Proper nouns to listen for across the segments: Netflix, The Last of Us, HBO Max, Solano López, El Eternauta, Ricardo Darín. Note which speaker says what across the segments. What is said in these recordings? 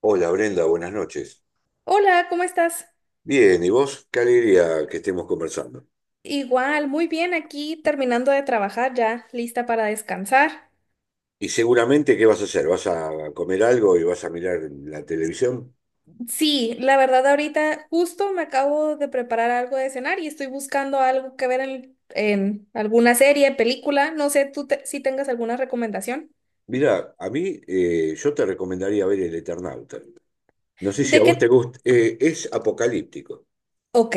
Speaker 1: Hola Brenda, buenas noches.
Speaker 2: Hola, ¿cómo estás?
Speaker 1: Bien, ¿y vos? Qué alegría que estemos conversando.
Speaker 2: Igual, muy bien, aquí terminando de trabajar ya, lista para descansar.
Speaker 1: Y seguramente, ¿qué vas a hacer? ¿Vas a comer algo y vas a mirar la televisión?
Speaker 2: Sí, la verdad ahorita justo me acabo de preparar algo de cenar y estoy buscando algo que ver en alguna serie, película, no sé, si tengas alguna recomendación.
Speaker 1: Mira, a mí yo te recomendaría ver El Eternauta. No sé si a
Speaker 2: ¿De
Speaker 1: vos te
Speaker 2: qué?
Speaker 1: gusta. Es apocalíptico.
Speaker 2: Ok,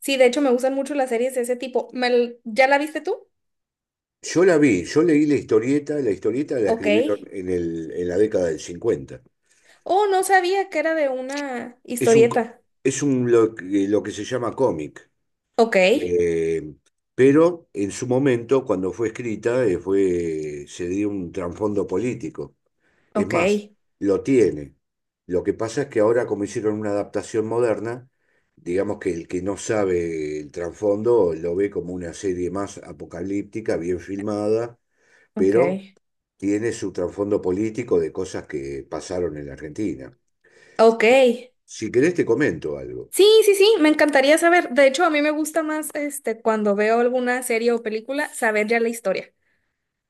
Speaker 2: sí, de hecho me gustan mucho las series de ese tipo. ¿Ya la viste tú?
Speaker 1: Yo la vi, yo leí la historieta, la historieta la
Speaker 2: Ok.
Speaker 1: escribieron en en la década del 50.
Speaker 2: Oh, no sabía que era de una
Speaker 1: Es un, co-
Speaker 2: historieta.
Speaker 1: es un lo, que Lo que se llama cómic.
Speaker 2: Ok,
Speaker 1: Eh, pero en su momento, cuando fue escrita, se dio un trasfondo político. Es
Speaker 2: ok,
Speaker 1: más, lo tiene. Lo que pasa es que ahora, como hicieron una adaptación moderna, digamos que el que no sabe el trasfondo lo ve como una serie más apocalíptica, bien filmada,
Speaker 2: ok.
Speaker 1: pero tiene su trasfondo político de cosas que pasaron en la Argentina.
Speaker 2: Ok,
Speaker 1: Si querés, te comento algo.
Speaker 2: sí, sí, sí, me encantaría saber. De hecho, a mí me gusta más cuando veo alguna serie o película saber ya la historia.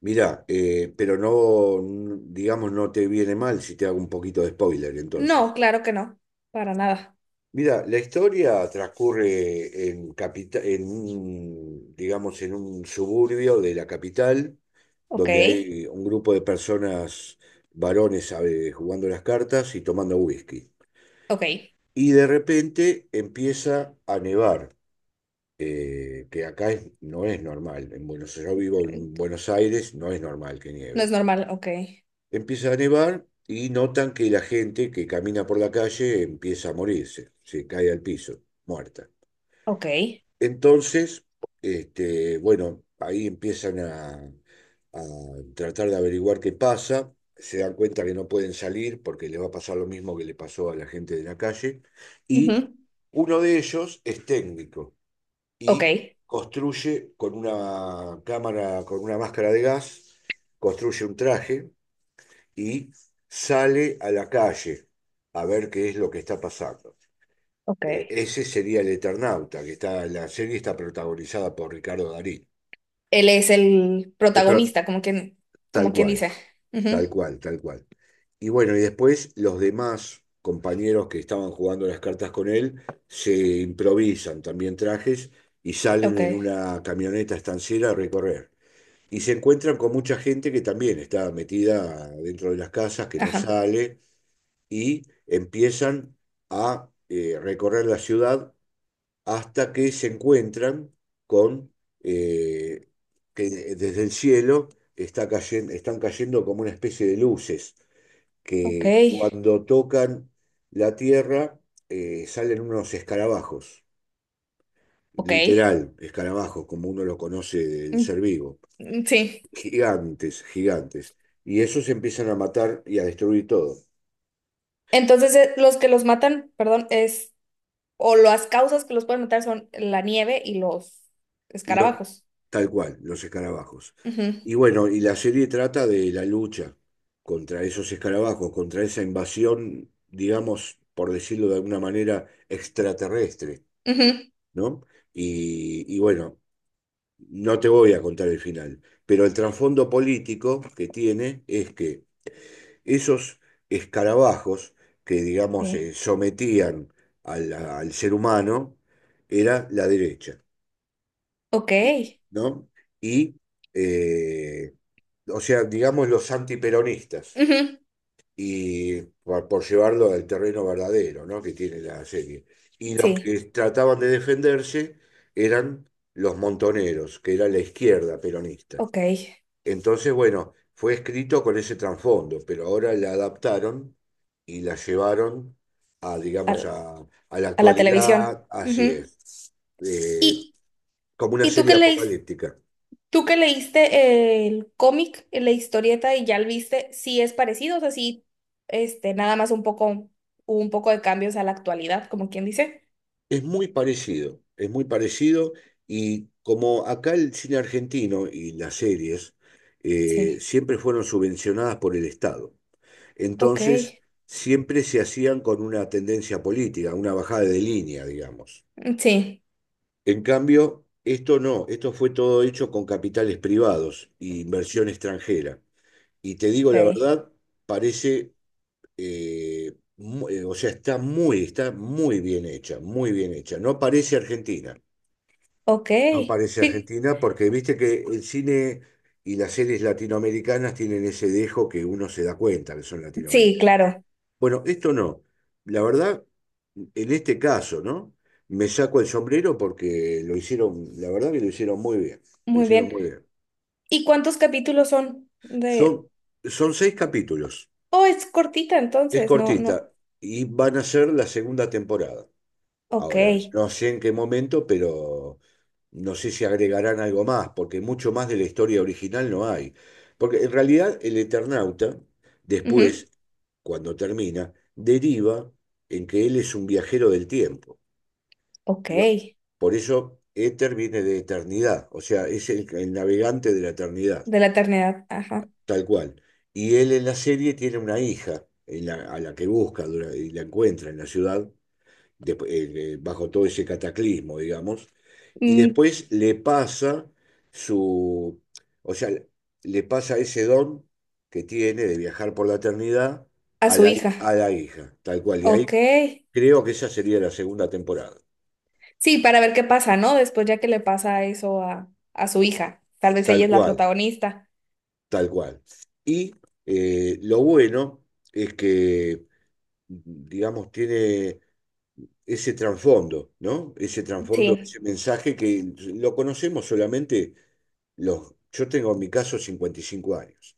Speaker 1: Mirá, pero no, digamos, no te viene mal si te hago un poquito de spoiler
Speaker 2: No,
Speaker 1: entonces.
Speaker 2: claro que no, para nada.
Speaker 1: Mira, la historia transcurre en un, digamos, en un suburbio de la capital,
Speaker 2: Ok,
Speaker 1: donde hay un grupo de personas, varones, jugando las cartas y tomando whisky.
Speaker 2: ok.
Speaker 1: Y de repente empieza a nevar, que acá no es normal. Yo vivo en Buenos Aires, no es normal que
Speaker 2: No es
Speaker 1: nieve.
Speaker 2: normal, ok,
Speaker 1: Empieza a nevar y notan que la gente que camina por la calle empieza a morirse, se cae al piso, muerta.
Speaker 2: ok.
Speaker 1: Entonces, bueno, ahí empiezan a tratar de averiguar qué pasa, se dan cuenta que no pueden salir porque le va a pasar lo mismo que le pasó a la gente de la calle, y
Speaker 2: Ujú,
Speaker 1: uno de ellos es técnico y
Speaker 2: Ok,
Speaker 1: construye con una cámara, con una máscara de gas, construye un traje y sale a la calle a ver qué es lo que está pasando.
Speaker 2: ok.
Speaker 1: Ese sería el Eternauta, la serie está protagonizada por Ricardo Darín.
Speaker 2: Él es el
Speaker 1: Pero,
Speaker 2: protagonista,
Speaker 1: tal
Speaker 2: como quien
Speaker 1: cual,
Speaker 2: dice.
Speaker 1: tal
Speaker 2: Ujú,
Speaker 1: cual, tal cual. Y bueno, y después los demás compañeros que estaban jugando las cartas con él se improvisan también trajes y salen
Speaker 2: Ok,
Speaker 1: en una camioneta estanciera a recorrer. Y se encuentran con mucha gente que también está metida dentro de las casas, que no
Speaker 2: ajá.
Speaker 1: sale, y empiezan a recorrer la ciudad hasta que se encuentran con eh, que desde el cielo están cayendo como una especie de luces
Speaker 2: ok,
Speaker 1: que cuando tocan la tierra salen unos escarabajos,
Speaker 2: ok.
Speaker 1: literal, escarabajos, como uno lo conoce del
Speaker 2: Mm,
Speaker 1: ser vivo,
Speaker 2: mm, sí.
Speaker 1: gigantes, gigantes. Y esos empiezan a matar y a destruir todo.
Speaker 2: Entonces, los que los matan, perdón, es o las causas que los pueden matar son la nieve y los
Speaker 1: Y lo-
Speaker 2: escarabajos.
Speaker 1: Tal cual, los escarabajos.
Speaker 2: Ujú,
Speaker 1: Y bueno, y la serie trata de la lucha contra esos escarabajos, contra esa invasión, digamos, por decirlo de alguna manera, extraterrestre,
Speaker 2: ujú,
Speaker 1: ¿no? Y bueno, no te voy a contar el final, pero el trasfondo político que tiene es que esos escarabajos que, digamos,
Speaker 2: sí.
Speaker 1: sometían al ser humano, era la derecha.
Speaker 2: Ok.
Speaker 1: y- ¿No? Y, eh, o sea, digamos los antiperonistas,
Speaker 2: Ujú,
Speaker 1: y por llevarlo al terreno verdadero, ¿no? Que tiene la serie. Y los
Speaker 2: sí.
Speaker 1: que trataban de defenderse eran los montoneros, que era la izquierda peronista.
Speaker 2: Ok.
Speaker 1: Entonces, bueno, fue escrito con ese trasfondo, pero ahora la adaptaron y la llevaron a, digamos,
Speaker 2: Al-
Speaker 1: a la
Speaker 2: a la televisión.
Speaker 1: actualidad, así
Speaker 2: Ujú.
Speaker 1: es, eh,
Speaker 2: ¿Y,
Speaker 1: como una
Speaker 2: y tú
Speaker 1: serie
Speaker 2: qué leíste?
Speaker 1: apocalíptica.
Speaker 2: ¿Tú que leíste el cómic, la historieta y ya lo viste? Sí es parecido, o sea, sí, nada más un poco, hubo un poco de cambios a la actualidad, como quien dice.
Speaker 1: Es muy parecido y como acá el cine argentino y las series
Speaker 2: Sí.
Speaker 1: siempre fueron subvencionadas por el Estado,
Speaker 2: Ok.
Speaker 1: entonces siempre se hacían con una tendencia política, una bajada de línea, digamos.
Speaker 2: Sí.
Speaker 1: En cambio, esto no, esto fue todo hecho con capitales privados e inversión extranjera. Y te digo la
Speaker 2: Ok.
Speaker 1: verdad, parece, o sea, está muy bien hecha, no parece Argentina.
Speaker 2: Ok.
Speaker 1: No parece
Speaker 2: Sí,
Speaker 1: Argentina porque viste que el cine y las series latinoamericanas tienen ese dejo que uno se da cuenta que son
Speaker 2: sí,
Speaker 1: latinoamericanas.
Speaker 2: claro.
Speaker 1: Bueno, esto no. La verdad, en este caso, ¿no? Me saco el sombrero porque lo hicieron, la verdad que lo hicieron muy bien. Lo
Speaker 2: Muy
Speaker 1: hicieron
Speaker 2: bien.
Speaker 1: muy bien.
Speaker 2: ¿Y cuántos capítulos son
Speaker 1: Son,
Speaker 2: de...
Speaker 1: son 6 capítulos.
Speaker 2: Oh, es cortita
Speaker 1: Es
Speaker 2: entonces, no, no.
Speaker 1: cortita y van a ser la segunda temporada.
Speaker 2: Ok.
Speaker 1: Ahora, no sé en qué momento, pero no sé si agregarán algo más, porque mucho más de la historia original no hay. Porque en realidad el Eternauta,
Speaker 2: Ujú.
Speaker 1: después, cuando termina, deriva en que él es un viajero del tiempo.
Speaker 2: Ok.
Speaker 1: Y va-
Speaker 2: De
Speaker 1: por eso Éter viene de eternidad, o sea, es el navegante de la eternidad,
Speaker 2: la eternidad, ajá.
Speaker 1: tal cual. Y él en la serie tiene una hija a la que y la encuentra en la ciudad, bajo todo ese cataclismo, digamos, y
Speaker 2: Mm,
Speaker 1: después le pasa su, o sea, le pasa ese don que tiene de viajar por la eternidad
Speaker 2: a su hija.
Speaker 1: a la hija, tal cual. Y ahí
Speaker 2: Ok.
Speaker 1: creo que esa sería la segunda temporada,
Speaker 2: Sí, para ver qué pasa, ¿no? Después ya que le pasa eso a su hija. Tal vez ella
Speaker 1: tal
Speaker 2: es la
Speaker 1: cual,
Speaker 2: protagonista.
Speaker 1: tal cual. Y lo bueno es que, digamos, tiene ese trasfondo, ¿no? Ese trasfondo,
Speaker 2: Sí.
Speaker 1: ese mensaje que lo conocemos solamente los... Yo tengo en mi caso 55 años.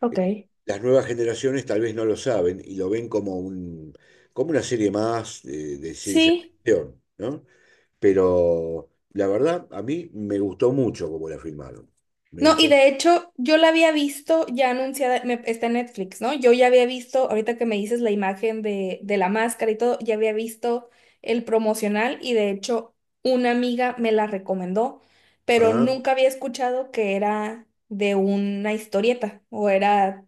Speaker 2: Ok.
Speaker 1: Las nuevas generaciones tal vez no lo saben y lo ven como como una serie más de ciencia
Speaker 2: Sí.
Speaker 1: ficción, ¿no? Pero la verdad, a mí me gustó mucho como la filmaron. Me
Speaker 2: No, y
Speaker 1: gustó.
Speaker 2: de hecho, yo la había visto ya anunciada, está en Netflix, ¿no? Yo ya había visto, ahorita que me dices la imagen de la máscara y todo, ya había visto el promocional y de hecho una amiga me la recomendó, pero
Speaker 1: Ah,
Speaker 2: nunca había escuchado que era de una historieta o era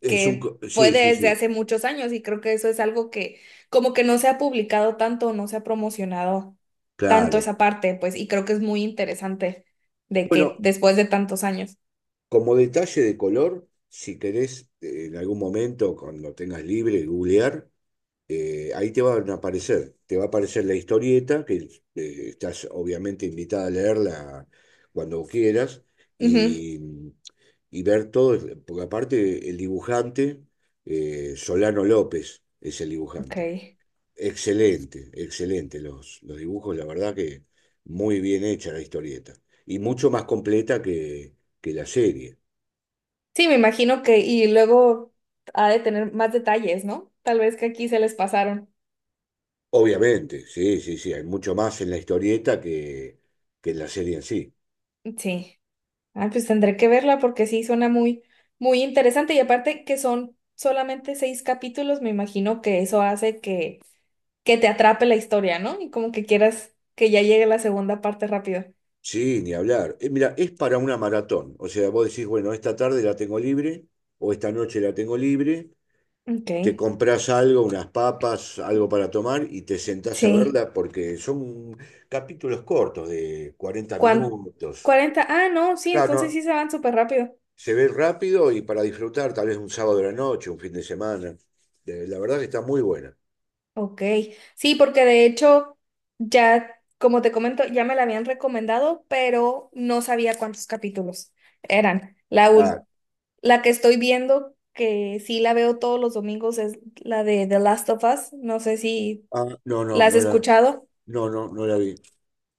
Speaker 2: que fue
Speaker 1: sí, sí,
Speaker 2: desde
Speaker 1: sí,
Speaker 2: hace muchos años y creo que eso es algo que como que no se ha publicado tanto, no se ha promocionado tanto
Speaker 1: claro.
Speaker 2: esa parte, pues, y creo que es muy interesante de que
Speaker 1: Bueno,
Speaker 2: después de tantos años.
Speaker 1: como detalle de color, si querés en algún momento, cuando tengas libre, googlear, ahí te van a aparecer, te va a aparecer la historieta, que estás obviamente invitada a leerla cuando quieras
Speaker 2: Ujú,
Speaker 1: y, ver todo, porque aparte el dibujante, Solano López es el
Speaker 2: ok.
Speaker 1: dibujante. Excelente, excelente los dibujos, la verdad que muy bien hecha la historieta y mucho más completa que la serie.
Speaker 2: Sí, me imagino que, y luego ha de tener más detalles, ¿no? Tal vez que aquí se les pasaron.
Speaker 1: Obviamente, sí, sí, sí, hay mucho más en la historieta que en la serie en sí.
Speaker 2: Sí. Ah, pues tendré que verla porque sí suena muy, muy interesante. Y aparte que son solamente seis capítulos, me imagino que eso hace que te atrape la historia, ¿no? Y como que quieras que ya llegue la segunda parte rápido.
Speaker 1: Sí, ni hablar. Mira, es para una maratón. O sea, vos decís, bueno, esta tarde la tengo libre o esta noche la tengo libre,
Speaker 2: Ok,
Speaker 1: te compras algo, unas papas, algo para tomar y te sentás a
Speaker 2: sí.
Speaker 1: verla porque son capítulos cortos de 40
Speaker 2: ¿Cuán-
Speaker 1: minutos.
Speaker 2: ¿Cuarenta? Ah, no, sí, entonces
Speaker 1: Claro,
Speaker 2: sí se van súper rápido.
Speaker 1: se ve rápido y para disfrutar tal vez un sábado de la noche, un fin de semana. La verdad que está muy buena.
Speaker 2: Ok, sí, porque de hecho ya, como te comento, ya me la habían recomendado, pero no sabía cuántos capítulos eran.
Speaker 1: Ah,
Speaker 2: La que estoy viendo, que sí la veo todos los domingos, es la de The Last of Us. No sé si
Speaker 1: ah, no, no,
Speaker 2: la has escuchado.
Speaker 1: no la vi.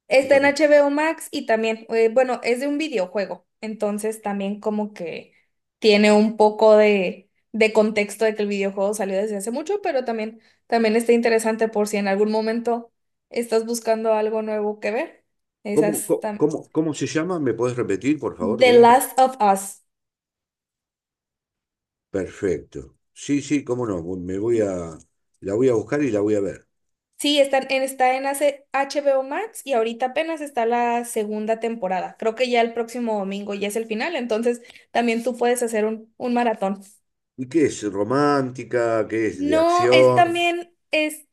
Speaker 2: Está
Speaker 1: No,
Speaker 2: en
Speaker 1: no.
Speaker 2: HBO Max y también, bueno, es de un videojuego, entonces también como que tiene un poco de contexto de que el videojuego salió desde hace mucho, pero también, también está interesante por si en algún momento estás buscando algo nuevo que ver.
Speaker 1: ¿Cómo,
Speaker 2: Esas
Speaker 1: cómo,
Speaker 2: tam-
Speaker 1: cómo cómo se llama? ¿Me podés repetir, por favor,
Speaker 2: The
Speaker 1: Brenda?
Speaker 2: Last of Us.
Speaker 1: Perfecto. Sí, sí, cómo no. La voy a buscar y la voy a ver.
Speaker 2: Sí, está en, HBO Max y ahorita apenas está la segunda temporada. Creo que ya el próximo domingo ya es el final, entonces también tú puedes hacer un maratón.
Speaker 1: ¿Y qué es? ¿Romántica? ¿Qué es de
Speaker 2: No, es
Speaker 1: acción?
Speaker 2: también, es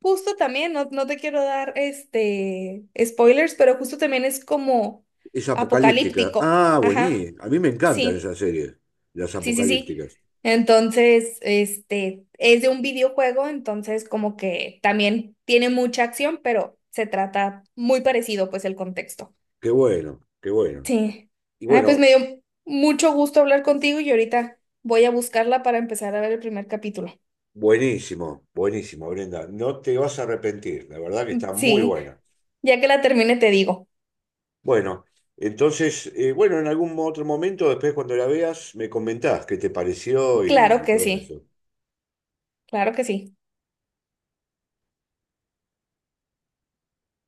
Speaker 2: justo también, no, no te quiero dar este spoilers, pero justo también es como
Speaker 1: Es apocalíptica.
Speaker 2: apocalíptico.
Speaker 1: Ah,
Speaker 2: Ajá,
Speaker 1: buenísimo. A mí me encantan
Speaker 2: sí,
Speaker 1: esas series, las
Speaker 2: sí, sí, sí.
Speaker 1: apocalípticas.
Speaker 2: Entonces, es de un videojuego, entonces como que también tiene mucha acción, pero se trata muy parecido, pues, el contexto.
Speaker 1: Qué bueno, qué bueno.
Speaker 2: Sí.
Speaker 1: Y
Speaker 2: Ay, pues me
Speaker 1: bueno,
Speaker 2: dio mucho gusto hablar contigo y ahorita voy a buscarla para empezar a ver el primer capítulo.
Speaker 1: buenísimo, buenísimo, Brenda. No te vas a arrepentir. La verdad que está muy
Speaker 2: Sí,
Speaker 1: buena.
Speaker 2: ya que la termine te digo.
Speaker 1: Bueno, entonces, en algún otro momento, después cuando la veas, me comentás qué te pareció
Speaker 2: Claro
Speaker 1: y
Speaker 2: que
Speaker 1: todo
Speaker 2: sí,
Speaker 1: eso.
Speaker 2: claro que sí.